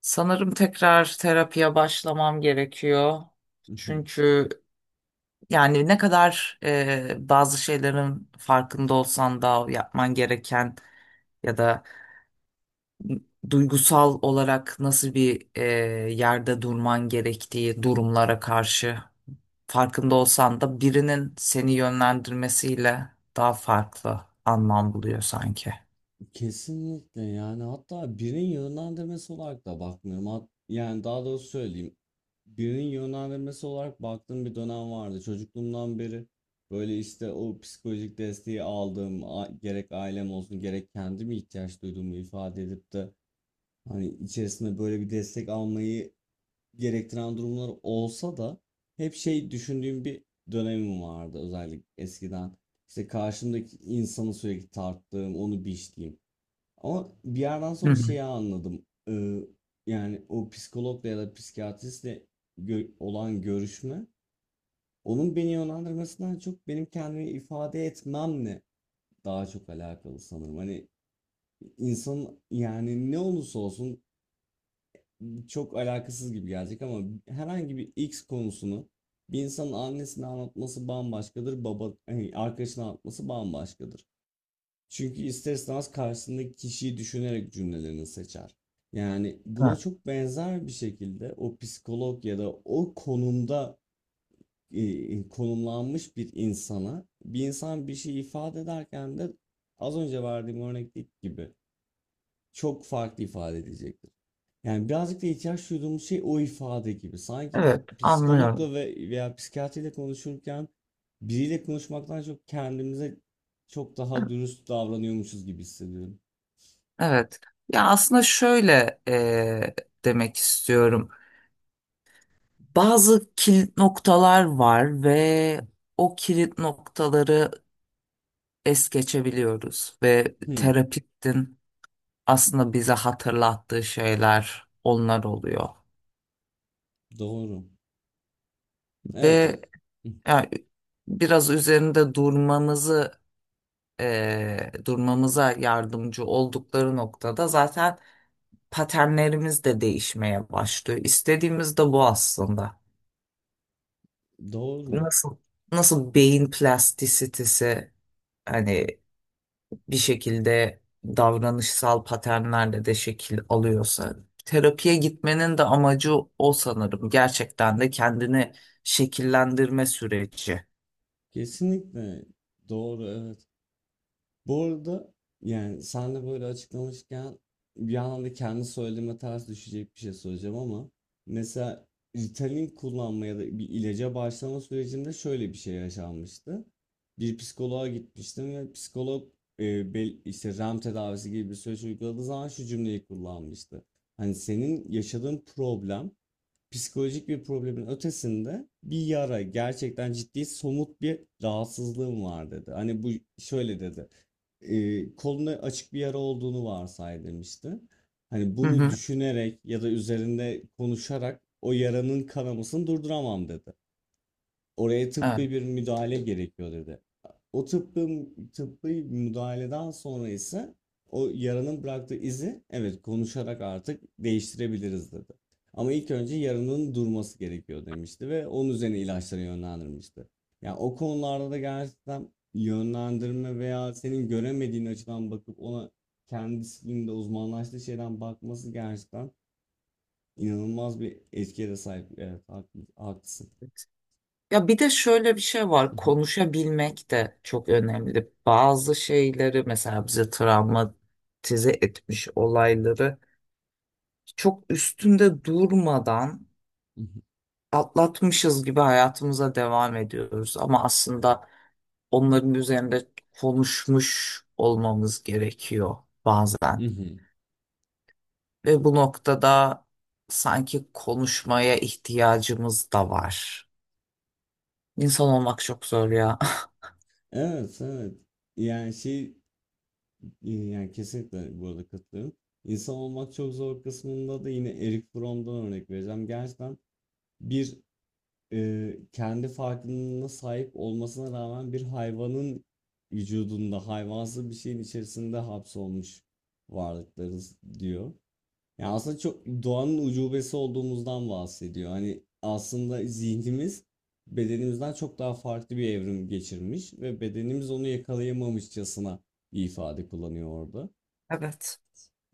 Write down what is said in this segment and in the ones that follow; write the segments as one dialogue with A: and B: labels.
A: Sanırım tekrar terapiye başlamam gerekiyor.
B: Hı hı.
A: Çünkü yani ne kadar bazı şeylerin farkında olsan da yapman gereken ya da duygusal olarak nasıl bir yerde durman gerektiği durumlara karşı farkında olsan da birinin seni yönlendirmesiyle daha farklı anlam buluyor sanki.
B: Kesinlikle yani hatta birinin yönlendirmesi olarak da bakmıyorum. Yani daha doğrusu söyleyeyim. Birinin yönlendirmesi olarak baktığım bir dönem vardı. Çocukluğumdan beri böyle işte o psikolojik desteği aldığım gerek ailem olsun gerek kendim ihtiyaç duyduğumu ifade edip de hani içerisinde böyle bir destek almayı gerektiren durumlar olsa da hep şey düşündüğüm bir dönemim vardı özellikle eskiden. İşte karşımdaki insanı sürekli tarttığım, onu biçtiğim. Ama bir yerden
A: Hı
B: sonra
A: hı.
B: şeyi anladım. Yani o psikologla ya da psikiyatristle olan görüşme onun beni yönlendirmesinden çok benim kendimi ifade etmemle daha çok alakalı sanırım. Hani insanın yani ne olursa olsun çok alakasız gibi gelecek ama herhangi bir X konusunu bir insanın annesine anlatması bambaşkadır, baba, hani arkadaşına anlatması bambaşkadır. Çünkü ister istemez karşısındaki kişiyi düşünerek cümlelerini seçer. Yani buna
A: Evet,
B: çok benzer bir şekilde o psikolog ya da o konumda konumlanmış bir insana bir insan bir şey ifade ederken de az önce verdiğim örnekteki gibi çok farklı ifade edecektir. Yani birazcık da ihtiyaç duyduğumuz şey o ifade gibi. Sanki
A: Evet, anlıyorum.
B: psikologla ve veya psikiyatriyle konuşurken biriyle konuşmaktan çok kendimize çok daha dürüst davranıyormuşuz gibi hissediyorum.
A: Evet. Ya aslında şöyle demek istiyorum. Bazı kilit noktalar var ve o kilit noktaları es geçebiliyoruz ve
B: Hmm,
A: terapistin aslında bize hatırlattığı şeyler onlar oluyor.
B: doğru. Evet,
A: Ve ya, biraz üzerinde durmamızı durmamıza yardımcı oldukları noktada zaten paternlerimiz de değişmeye başlıyor. İstediğimiz de bu aslında.
B: doğru.
A: Nasıl nasıl beyin plastisitesi hani bir şekilde davranışsal paternlerle de şekil alıyorsa terapiye gitmenin de amacı o sanırım. Gerçekten de kendini şekillendirme süreci.
B: Kesinlikle doğru, evet. Bu arada yani sen de böyle açıklamışken bir anda kendi söylediğime ters düşecek bir şey söyleyeceğim ama mesela Ritalin kullanma ya da bir ilaca başlama sürecinde şöyle bir şey yaşanmıştı. Bir psikoloğa gitmiştim ve psikolog işte REM tedavisi gibi bir süreç uyguladığı zaman şu cümleyi kullanmıştı. Hani senin yaşadığın problem psikolojik bir problemin ötesinde bir yara, gerçekten ciddi somut bir rahatsızlığım var dedi. Hani bu şöyle dedi. E, koluna açık bir yara olduğunu varsay demişti. Hani
A: Hı
B: bunu
A: hı.
B: düşünerek ya da üzerinde konuşarak o yaranın kanamasını durduramam dedi. Oraya
A: Evet.
B: tıbbi bir müdahale gerekiyor dedi. O tıbbi müdahaleden sonra ise o yaranın bıraktığı izi evet konuşarak artık değiştirebiliriz dedi. Ama ilk önce yaranın durması gerekiyor demişti ve onun üzerine ilaçlara yönlendirmişti. Yani o konularda da gerçekten yönlendirme veya senin göremediğin açıdan bakıp ona kendi disiplinde uzmanlaştığı şeyden bakması gerçekten inanılmaz bir etkiye de sahip. Evet, haklısın.
A: Ya bir de şöyle bir şey var. Konuşabilmek de çok önemli. Bazı şeyleri mesela bize travmatize etmiş olayları çok üstünde durmadan atlatmışız gibi hayatımıza devam ediyoruz ama aslında onların üzerinde konuşmuş olmamız gerekiyor bazen.
B: Hı hı.
A: Ve bu noktada sanki konuşmaya ihtiyacımız da var. İnsan olmak çok zor ya.
B: Evet, evet. Yani şey yani kesinlikle bu arada katılıyorum. İnsan olmak çok zor kısmında da yine Eric Fromm'dan örnek vereceğim. Gerçekten bir kendi farkındalığına sahip olmasına rağmen bir hayvanın vücudunda hayvansı bir şeyin içerisinde hapsolmuş varlıklarız diyor. Ya aslında çok doğanın ucubesi olduğumuzdan bahsediyor. Hani aslında zihnimiz bedenimizden çok daha farklı bir evrim geçirmiş ve bedenimiz onu yakalayamamışçasına bir ifade kullanıyor orada.
A: Evet.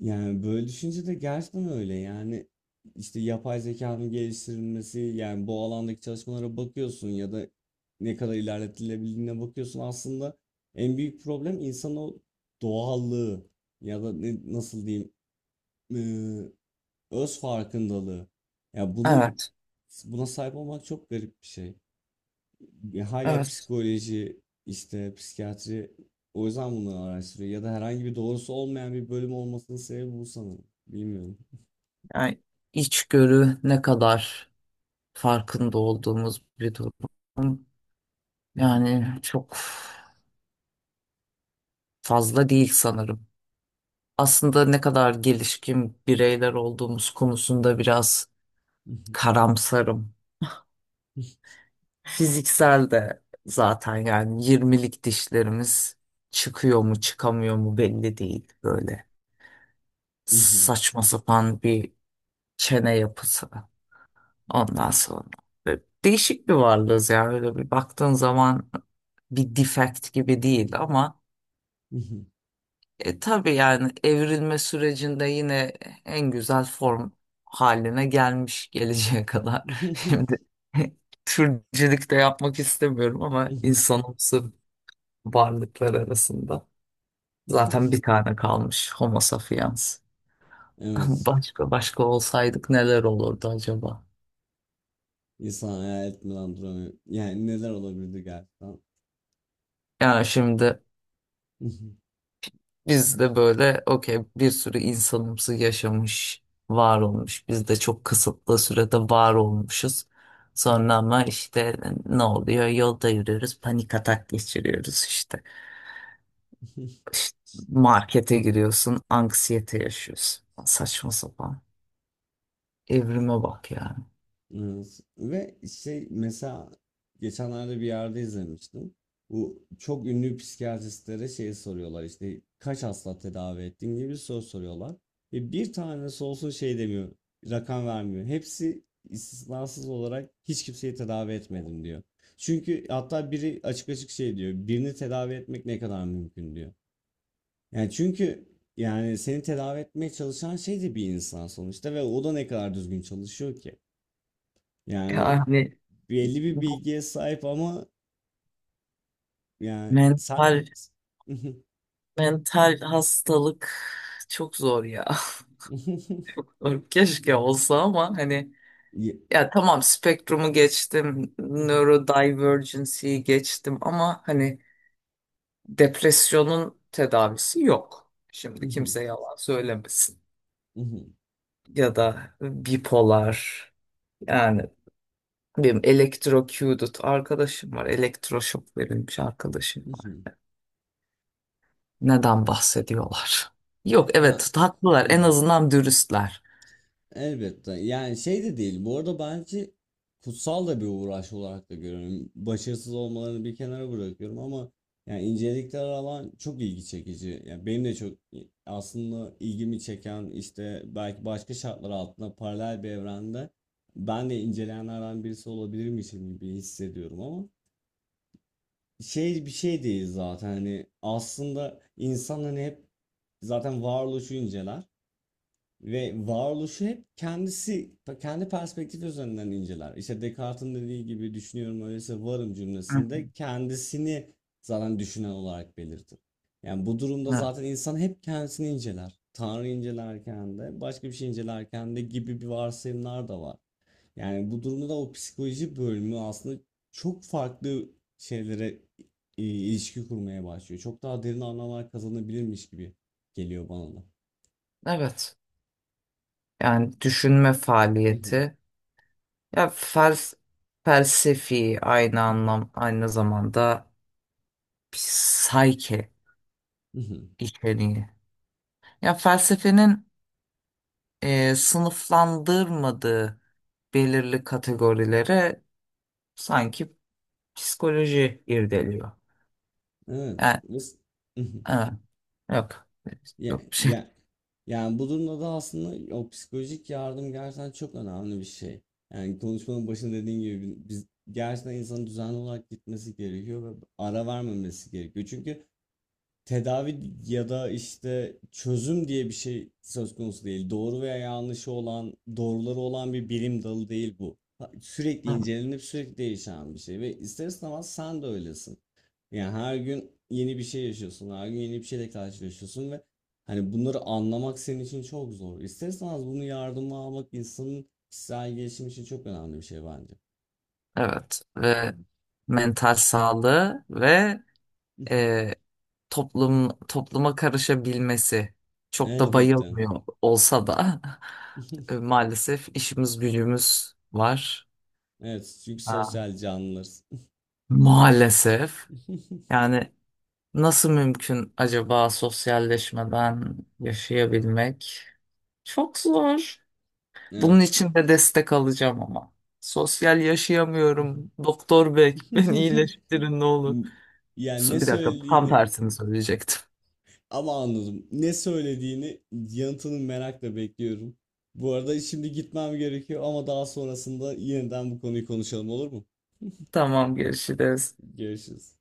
B: Yani böyle düşünce de gerçekten öyle. Yani işte yapay zekanın geliştirilmesi, yani bu alandaki çalışmalara bakıyorsun ya da ne kadar ilerletilebildiğine bakıyorsun. Aslında en büyük problem insanın o doğallığı ya da ne, nasıl diyeyim? Öz farkındalığı. Ya bunu
A: Evet,
B: Buna sahip olmak çok garip bir şey. Ya hala
A: evet.
B: psikoloji, işte psikiyatri o yüzden bunları araştırıyor ya da herhangi bir doğrusu olmayan bir bölüm olmasının sebebi bu sanırım. Bilmiyorum.
A: Yani içgörü ne kadar farkında olduğumuz bir durum. Yani çok fazla değil sanırım. Aslında ne kadar gelişkin bireyler olduğumuz konusunda biraz karamsarım. Fiziksel de zaten, yani yirmilik dişlerimiz çıkıyor mu çıkamıyor mu belli değil, böyle saçma sapan bir çene yapısı ondan sonra. Böyle değişik bir varlığız yani, öyle bir baktığın zaman bir defect gibi değil ama tabii yani evrilme sürecinde yine en güzel form haline gelmiş geleceğe kadar. Şimdi türcülük de yapmak istemiyorum ama insanımsı varlıklar arasında zaten bir tane kalmış Homo sapiens.
B: Evet.
A: Başka başka olsaydık neler olurdu acaba?
B: İnsan hayal etmeden duramıyor. Yani neler olabilirdi gerçekten?
A: Yani şimdi biz de böyle okey, bir sürü insanımsı yaşamış, var olmuş. Biz de çok kısıtlı sürede var olmuşuz. Sonra ama işte ne oluyor? Yolda yürüyoruz, panik atak geçiriyoruz işte. İşte markete giriyorsun, anksiyete yaşıyorsun. Saçma sapan. Evrime bak yani.
B: Evet. Ve şey mesela geçenlerde bir yerde izlemiştim. Bu çok ünlü psikiyatristlere şeyi soruyorlar işte kaç hasta tedavi ettin gibi bir soru soruyorlar. Ve bir tanesi olsun şey demiyor, rakam vermiyor. Hepsi istisnasız olarak hiç kimseyi tedavi etmedim diyor. Çünkü hatta biri açık açık şey diyor, birini tedavi etmek ne kadar mümkün diyor. Yani çünkü yani seni tedavi etmeye çalışan şey de bir insan sonuçta ve o da ne kadar düzgün çalışıyor ki. Yani
A: Yani
B: belli bir
A: bu
B: bilgiye sahip ama yani sa
A: mental mental hastalık çok zor ya. Keşke olsa ama hani
B: Ye-
A: ya, tamam, spektrumu geçtim, neurodivergency'yi geçtim ama hani depresyonun tedavisi yok. Şimdi kimse yalan söylemesin. Ya da bipolar, yani benim electrocuted arkadaşım var. Elektroşok verilmiş arkadaşım var. Neden bahsediyorlar? Yok,
B: ya
A: evet haklılar, en azından dürüstler.
B: elbette yani şey de değil bu arada bence kutsal da bir uğraş olarak da görüyorum başarısız olmalarını bir kenara bırakıyorum ama yani incelikler alan çok ilgi çekici yani benim de çok aslında ilgimi çeken işte belki başka şartlar altında paralel bir evrende ben de inceleyenlerden birisi olabilirmişim gibi hissediyorum ama şey bir şey değil zaten hani aslında insan hani hep zaten varoluşu inceler ve varoluşu hep kendisi kendi perspektifi üzerinden inceler. İşte Descartes'in dediği gibi düşünüyorum öyleyse varım
A: Hı hı.
B: cümlesinde kendisini zaten düşünen olarak belirtir. Yani bu durumda
A: Evet.
B: zaten insan hep kendisini inceler. Tanrı incelerken de başka bir şey incelerken de gibi bir varsayımlar da var. Yani bu durumda da o psikoloji bölümü aslında çok farklı şeylere ilişki kurmaya başlıyor. Çok daha derin anlamlar kazanabilirmiş gibi geliyor bana da.
A: Evet. Yani düşünme
B: Mhm,
A: faaliyeti. Ya felsefi aynı
B: mhm,
A: anlam aynı zamanda psike
B: mhm.
A: içeriği. Ya felsefenin sınıflandırmadığı belirli kategorilere sanki psikoloji irdeliyor.
B: Evet.
A: Yani
B: Mhm.
A: evet, yok
B: Ya,
A: yok bir şey.
B: ya, yani bu durumda da aslında o psikolojik yardım gerçekten çok önemli bir şey. Yani konuşmanın başında dediğim gibi biz gerçekten insanın düzenli olarak gitmesi gerekiyor ve ara vermemesi gerekiyor. Çünkü tedavi ya da işte çözüm diye bir şey söz konusu değil. Doğru veya yanlışı olan, doğruları olan bir bilim dalı değil bu. Sürekli incelenip sürekli değişen bir şey ve ister istemez sen de öylesin. Yani her gün yeni bir şey yaşıyorsun, her gün yeni bir şeyle karşılaşıyorsun ve hani bunları anlamak senin için çok zor. İster istemez bunu yardıma almak insanın kişisel gelişim için çok önemli bir şey bence.
A: Evet ve mental sağlığı ve e, toplum topluma karışabilmesi çok da
B: Elbette.
A: bayılmıyor olsa da maalesef işimiz gücümüz var.
B: Evet, çünkü
A: Ha.
B: sosyal canlılarız.
A: Maalesef. Yani nasıl mümkün acaba sosyalleşmeden yaşayabilmek? Çok zor. Bunun
B: Evet.
A: için de destek alacağım ama. Sosyal yaşayamıyorum. Doktor bey beni iyileştirin ne olur.
B: Yani ne
A: Bir dakika, tam
B: söylediğini
A: tersini söyleyecektim.
B: ama anladım. Ne söylediğini yanıtını merakla bekliyorum. Bu arada şimdi gitmem gerekiyor ama daha sonrasında yeniden bu konuyu konuşalım olur mu?
A: Tamam, görüşürüz.
B: Görüşürüz.